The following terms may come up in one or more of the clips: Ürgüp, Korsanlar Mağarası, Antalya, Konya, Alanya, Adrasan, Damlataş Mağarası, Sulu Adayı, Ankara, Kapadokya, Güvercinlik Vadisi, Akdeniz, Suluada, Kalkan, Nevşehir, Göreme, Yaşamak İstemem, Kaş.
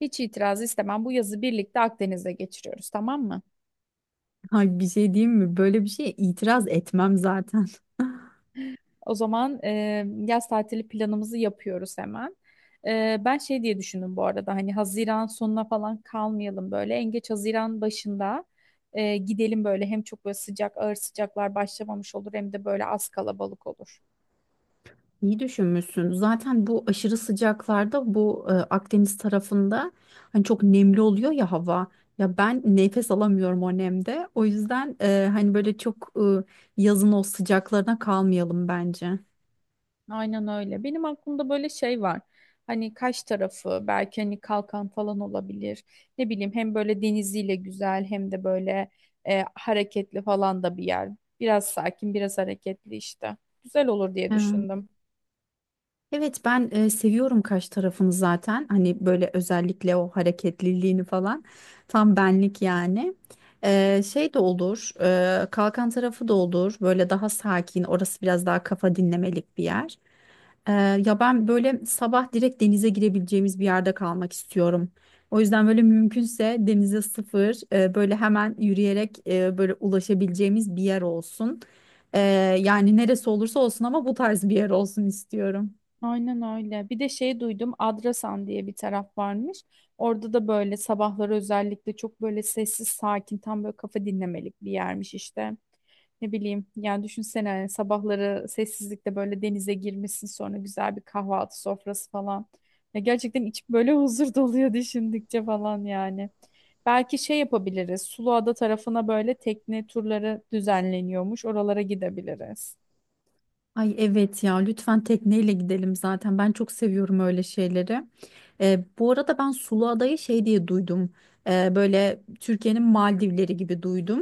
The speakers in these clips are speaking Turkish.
Hiç itiraz istemem. Bu yazı birlikte Akdeniz'e geçiriyoruz, tamam mı? Ay bir şey diyeyim mi? Böyle bir şeye itiraz etmem zaten. O zaman yaz tatili planımızı yapıyoruz hemen. Ben şey diye düşündüm bu arada hani Haziran sonuna falan kalmayalım böyle. En geç Haziran başında gidelim böyle hem çok böyle sıcak ağır sıcaklar başlamamış olur hem de böyle az kalabalık olur. İyi düşünmüşsün. Zaten bu aşırı sıcaklarda bu Akdeniz tarafında hani çok nemli oluyor ya hava. Ya ben nefes alamıyorum o nemde. O yüzden hani böyle çok yazın o sıcaklarına kalmayalım bence. Aynen öyle. Benim aklımda böyle şey var. Hani Kaş tarafı belki hani Kalkan falan olabilir. Ne bileyim hem böyle deniziyle güzel hem de böyle hareketli falan da bir yer. Biraz sakin, biraz hareketli işte. Güzel olur diye Evet. düşündüm. Evet ben seviyorum kaş tarafını zaten. Hani böyle özellikle o hareketliliğini falan. Tam benlik yani. Şey de olur. Kalkan tarafı da olur. Böyle daha sakin. Orası biraz daha kafa dinlemelik bir yer. E, Ya ben böyle sabah direkt denize girebileceğimiz bir yerde kalmak istiyorum. O yüzden böyle mümkünse denize sıfır böyle hemen yürüyerek böyle ulaşabileceğimiz bir yer olsun. E, Yani neresi olursa olsun ama bu tarz bir yer olsun istiyorum. Aynen öyle. Bir de şey duydum, Adrasan diye bir taraf varmış. Orada da böyle sabahları özellikle çok böyle sessiz, sakin, tam böyle kafa dinlemelik bir yermiş işte. Ne bileyim, yani düşünsene hani sabahları sessizlikte böyle denize girmişsin sonra güzel bir kahvaltı sofrası falan. Ya gerçekten içim böyle huzur doluyor düşündükçe falan yani. Belki şey yapabiliriz, Suluada tarafına böyle tekne turları düzenleniyormuş, oralara gidebiliriz. Ay evet ya, lütfen tekneyle gidelim, zaten ben çok seviyorum öyle şeyleri. Bu arada ben Sulu Adayı şey diye duydum. Böyle Türkiye'nin Maldivleri gibi duydum.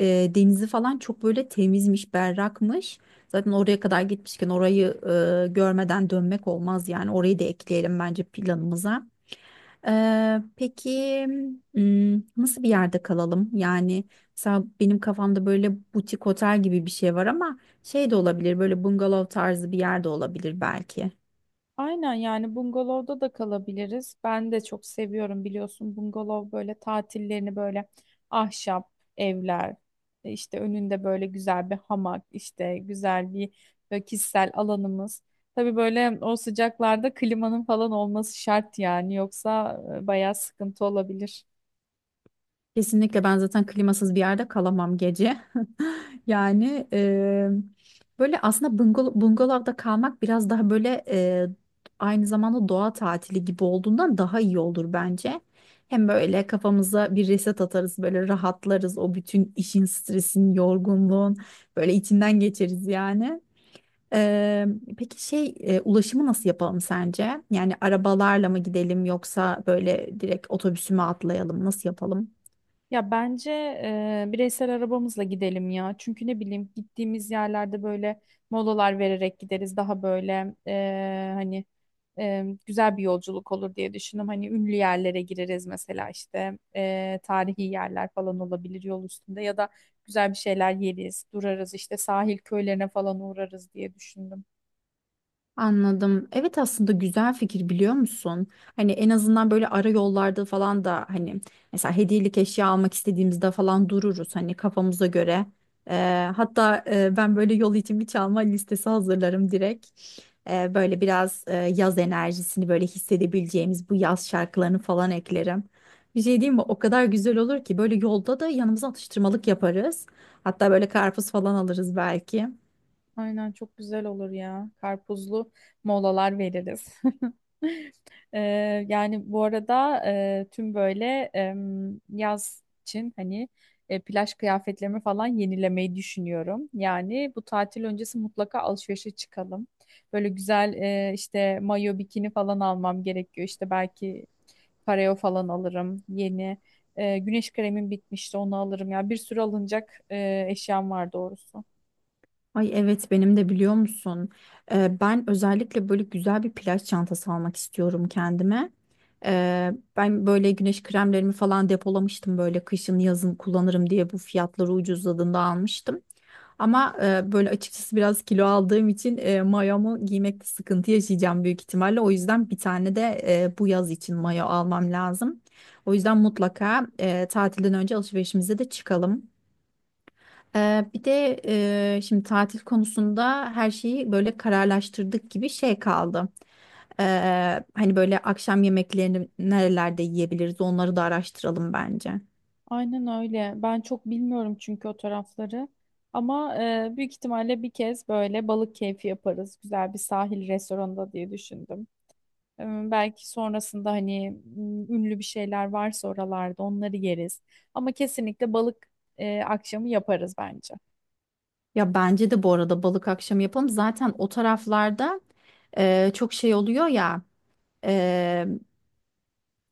Denizi falan çok böyle temizmiş, berrakmış. Zaten oraya kadar gitmişken orayı görmeden dönmek olmaz, yani orayı da ekleyelim bence planımıza. Peki, hmm, nasıl bir yerde kalalım? Yani mesela benim kafamda böyle butik otel gibi bir şey var ama şey de olabilir, böyle bungalov tarzı bir yerde olabilir belki. Aynen yani bungalovda da kalabiliriz. Ben de çok seviyorum biliyorsun bungalov böyle tatillerini böyle ahşap evler işte önünde böyle güzel bir hamak işte güzel bir böyle kişisel alanımız. Tabii böyle o sıcaklarda klimanın falan olması şart yani yoksa bayağı sıkıntı olabilir. Kesinlikle ben zaten klimasız bir yerde kalamam gece. Yani böyle aslında bungalovda kalmak biraz daha böyle, aynı zamanda doğa tatili gibi olduğundan daha iyi olur bence. Hem böyle kafamıza bir reset atarız, böyle rahatlarız, o bütün işin, stresin, yorgunluğun böyle içinden geçeriz yani. Eee, peki şey, ulaşımı nasıl yapalım sence? Yani arabalarla mı gidelim yoksa böyle direkt otobüsüme atlayalım? Nasıl yapalım? Ya bence bireysel arabamızla gidelim ya. Çünkü ne bileyim gittiğimiz yerlerde böyle molalar vererek gideriz. Daha böyle hani güzel bir yolculuk olur diye düşündüm. Hani ünlü yerlere gireriz mesela işte tarihi yerler falan olabilir yol üstünde ya da güzel bir şeyler yeriz, durarız işte sahil köylerine falan uğrarız diye düşündüm. Anladım. Evet, aslında güzel fikir, biliyor musun? Hani en azından böyle ara yollarda falan da hani mesela hediyelik eşya almak istediğimizde falan dururuz hani kafamıza göre. Hatta ben böyle yol için bir çalma listesi hazırlarım direkt. Böyle biraz yaz enerjisini böyle hissedebileceğimiz bu yaz şarkılarını falan eklerim. Bir şey diyeyim mi? O kadar güzel olur ki, böyle yolda da yanımıza atıştırmalık yaparız. Hatta böyle karpuz falan alırız belki. Aynen çok güzel olur ya. Karpuzlu molalar veririz. Ee, yani bu arada tüm böyle yaz için hani plaj kıyafetlerimi falan yenilemeyi düşünüyorum. Yani bu tatil öncesi mutlaka alışverişe çıkalım. Böyle güzel işte mayo bikini falan almam gerekiyor. İşte belki pareo falan alırım yeni. Güneş kremim bitmişti onu alırım. Ya bir sürü alınacak eşyam var doğrusu. Ay evet, benim de, biliyor musun? Ben özellikle böyle güzel bir plaj çantası almak istiyorum kendime. Ee, Ben böyle güneş kremlerimi falan depolamıştım, böyle kışın yazın kullanırım diye, bu fiyatları ucuzladığında almıştım. Ama böyle açıkçası biraz kilo aldığım için mayomu giymekte sıkıntı yaşayacağım büyük ihtimalle. O yüzden bir tane de bu yaz için mayo almam lazım. O yüzden mutlaka tatilden önce alışverişimize de çıkalım. Bir de şimdi tatil konusunda her şeyi böyle kararlaştırdık gibi, şey kaldı. Hani böyle akşam yemeklerini nerelerde yiyebiliriz onları da araştıralım bence. Aynen öyle. Ben çok bilmiyorum çünkü o tarafları. Ama büyük ihtimalle bir kez böyle balık keyfi yaparız. Güzel bir sahil restoranında diye düşündüm. E, belki sonrasında hani ünlü bir şeyler varsa oralarda onları yeriz. Ama kesinlikle balık akşamı yaparız bence. Ya bence de bu arada balık akşamı yapalım. Zaten o taraflarda çok şey oluyor ya.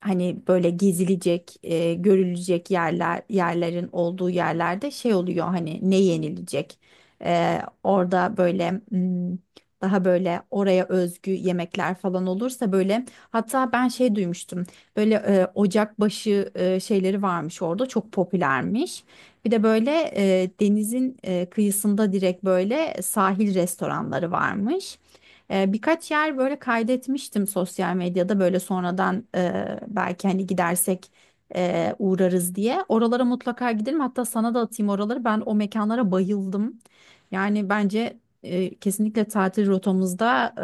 Hani böyle gezilecek, görülecek yerler, yerlerin olduğu yerlerde şey oluyor hani, ne yenilecek. Orada böyle, hmm, daha böyle oraya özgü yemekler falan olursa böyle, hatta ben şey duymuştum. Böyle ocakbaşı şeyleri varmış orada, çok popülermiş. Bir de böyle denizin kıyısında direkt böyle sahil restoranları varmış. Birkaç yer böyle kaydetmiştim sosyal medyada, böyle sonradan belki hani gidersek uğrarız diye. Oralara mutlaka gidelim. Hatta sana da atayım oraları. Ben o mekanlara bayıldım. Yani bence kesinlikle tatil rotamızda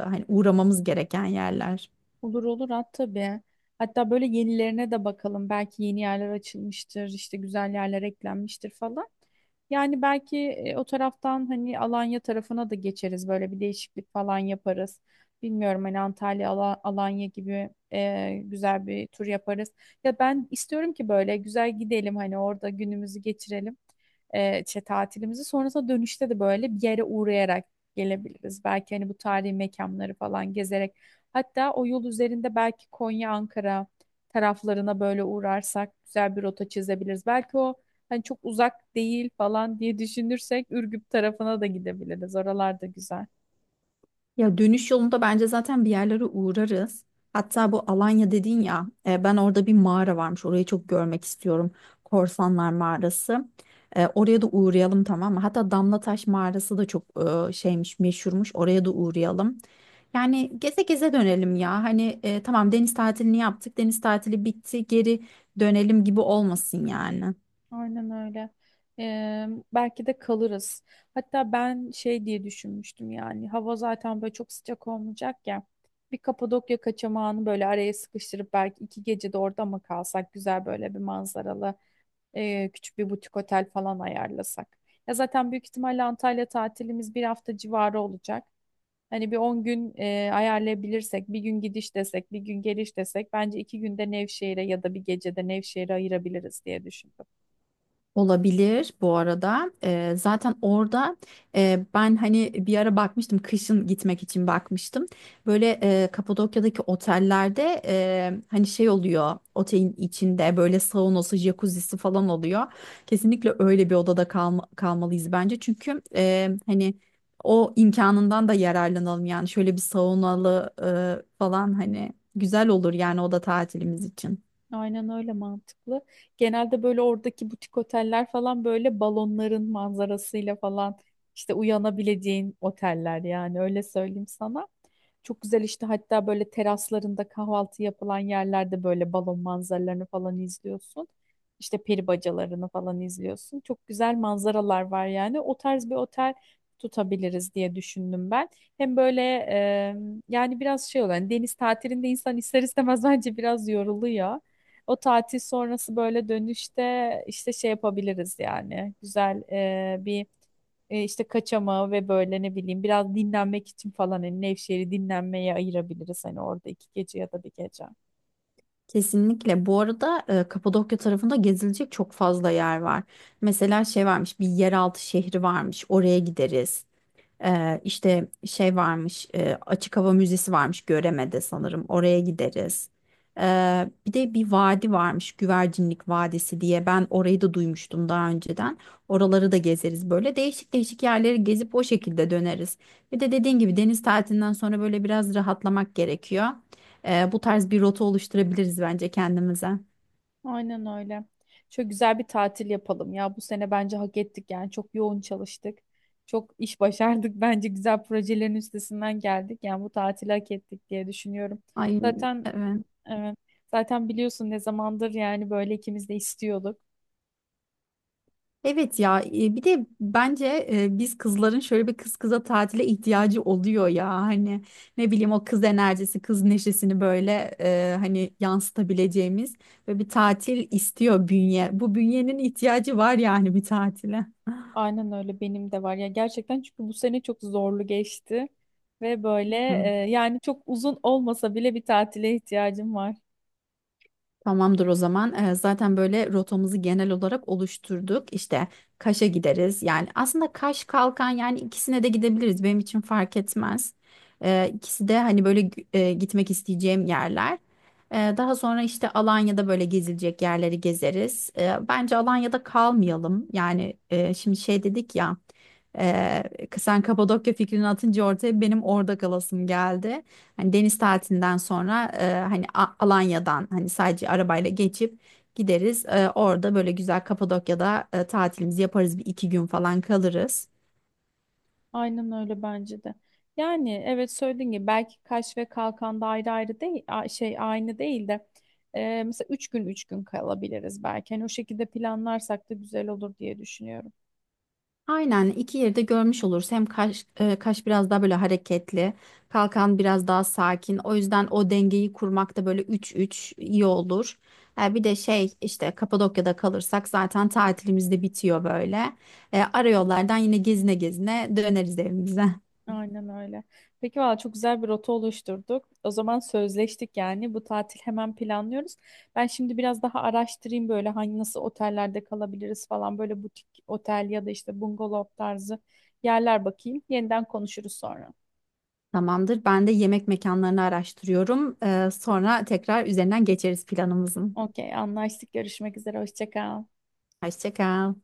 hani uğramamız gereken yerler. Olur olur at tabii. Hatta böyle yenilerine de bakalım. Belki yeni yerler açılmıştır, işte güzel yerler eklenmiştir falan. Yani belki o taraftan hani Alanya tarafına da geçeriz. Böyle bir değişiklik falan yaparız. Bilmiyorum hani Antalya, Alanya gibi güzel bir tur yaparız. Ya ben istiyorum ki böyle güzel gidelim hani orada günümüzü geçirelim. E, işte tatilimizi sonrasında dönüşte de böyle bir yere uğrayarak gelebiliriz. Belki hani bu tarihi mekanları falan gezerek. Hatta o yol üzerinde belki Konya, Ankara taraflarına böyle uğrarsak güzel bir rota çizebiliriz. Belki o hani çok uzak değil falan diye düşünürsek Ürgüp tarafına da gidebiliriz. Oralar da güzel. Ya dönüş yolunda bence zaten bir yerlere uğrarız. Hatta bu Alanya dedin ya, ben orada bir mağara varmış, orayı çok görmek istiyorum. Korsanlar Mağarası. Oraya da uğrayalım, tamam mı? Hatta Damlataş Mağarası da çok şeymiş, meşhurmuş. Oraya da uğrayalım. Yani geze geze dönelim ya. Hani tamam, deniz tatilini yaptık, deniz tatili bitti, geri dönelim gibi olmasın yani. Aynen öyle. Ee, belki de kalırız. Hatta ben şey diye düşünmüştüm yani hava zaten böyle çok sıcak olmayacak ya. Bir Kapadokya kaçamağını böyle araya sıkıştırıp belki 2 gece de orada mı kalsak güzel böyle bir manzaralı küçük bir butik otel falan ayarlasak. Ya zaten büyük ihtimalle Antalya tatilimiz bir hafta civarı olacak. Hani bir 10 gün ayarlayabilirsek, bir gün gidiş desek, bir gün geliş desek, bence 2 günde Nevşehir'e ya da bir gecede Nevşehir'e ayırabiliriz diye düşündüm. Olabilir bu arada. Zaten orada ben hani bir ara bakmıştım, kışın gitmek için bakmıştım. Böyle Kapadokya'daki otellerde hani şey oluyor, otelin içinde böyle saunası, jacuzzisi falan oluyor. Kesinlikle öyle bir odada kalmalıyız bence. Çünkü hani o imkanından da yararlanalım, yani şöyle bir saunalı falan hani güzel olur yani oda tatilimiz için. Aynen öyle mantıklı. Genelde böyle oradaki butik oteller falan böyle balonların manzarasıyla falan işte uyanabileceğin oteller yani öyle söyleyeyim sana. Çok güzel işte hatta böyle teraslarında kahvaltı yapılan yerlerde böyle balon manzaralarını falan izliyorsun. İşte peri bacalarını falan izliyorsun. Çok güzel manzaralar var yani. O tarz bir otel tutabiliriz diye düşündüm ben. Hem böyle e, yani biraz şey olan deniz tatilinde insan ister istemez bence biraz yoruluyor. O tatil sonrası böyle dönüşte işte şey yapabiliriz yani. Güzel bir işte kaçamağı ve böyle ne bileyim biraz dinlenmek için falan hani Nevşehir'i dinlenmeye ayırabiliriz hani orada 2 gece ya da bir gece. Kesinlikle. Bu arada Kapadokya tarafında gezilecek çok fazla yer var. Mesela şey varmış, bir yeraltı şehri varmış. Oraya gideriz. İşte şey varmış, açık hava müzesi varmış Göreme'de sanırım. Oraya gideriz. Bir de bir vadi varmış, Güvercinlik Vadisi diye. Ben orayı da duymuştum daha önceden. Oraları da gezeriz böyle. Değişik değişik yerleri gezip o şekilde döneriz. Bir de dediğin gibi deniz tatilinden sonra böyle biraz rahatlamak gerekiyor. Bu tarz bir rota oluşturabiliriz bence kendimize. Aynen öyle. Çok güzel bir tatil yapalım ya. Bu sene bence hak ettik yani. Çok yoğun çalıştık. Çok iş başardık. Bence güzel projelerin üstesinden geldik. Yani bu tatili hak ettik diye düşünüyorum. Ay Zaten. evet. Evet. Zaten biliyorsun ne zamandır yani böyle ikimiz de istiyorduk. Evet ya, bir de bence biz kızların şöyle bir kız kıza tatile ihtiyacı oluyor ya hani, ne bileyim, o kız enerjisi, kız neşesini böyle hani yansıtabileceğimiz ve bir tatil istiyor bünye. Bu bünyenin ihtiyacı var yani bir tatile. Aynen öyle benim de var. Ya gerçekten çünkü bu sene çok zorlu geçti ve böyle yani çok uzun olmasa bile bir tatile ihtiyacım var. Tamamdır o zaman. Zaten böyle rotamızı genel olarak oluşturduk. İşte Kaş'a gideriz. Yani aslında Kaş, Kalkan, yani ikisine de gidebiliriz. Benim için fark etmez. İkisi de hani böyle gitmek isteyeceğim yerler. Daha sonra işte Alanya'da böyle gezilecek yerleri gezeriz. Bence Alanya'da kalmayalım. Yani şimdi şey dedik ya. E, Sen Kapadokya fikrini atınca ortaya benim orada kalasım geldi. Hani deniz tatilinden sonra hani Alanya'dan hani sadece arabayla geçip gideriz. Orada böyle güzel Kapadokya'da tatilimizi yaparız. Bir iki gün falan kalırız. Aynen öyle bence de. Yani evet söylediğin gibi belki Kaş ve Kalkan'da ayrı ayrı değil şey aynı değil de mesela 3 gün 3 gün kalabiliriz belki. Hani o şekilde planlarsak da güzel olur diye düşünüyorum. Aynen, iki yeri de görmüş oluruz. Hem Kaş, Kaş biraz daha böyle hareketli. Kalkan biraz daha sakin. O yüzden o dengeyi kurmakta böyle 3-3 iyi olur. Bir de şey, işte Kapadokya'da kalırsak zaten tatilimiz de bitiyor böyle. Ara yollardan yine gezine gezine döneriz evimize. Aynen öyle. Peki valla çok güzel bir rota oluşturduk. O zaman sözleştik yani. Bu tatil hemen planlıyoruz. Ben şimdi biraz daha araştırayım böyle hangi nasıl otellerde kalabiliriz falan. Böyle butik otel ya da işte bungalov tarzı yerler bakayım. Yeniden konuşuruz sonra. Tamamdır. Ben de yemek mekanlarını araştırıyorum. Sonra tekrar üzerinden geçeriz planımızın. Okey, anlaştık. Görüşmek üzere. Hoşça kal. Hoşça kal.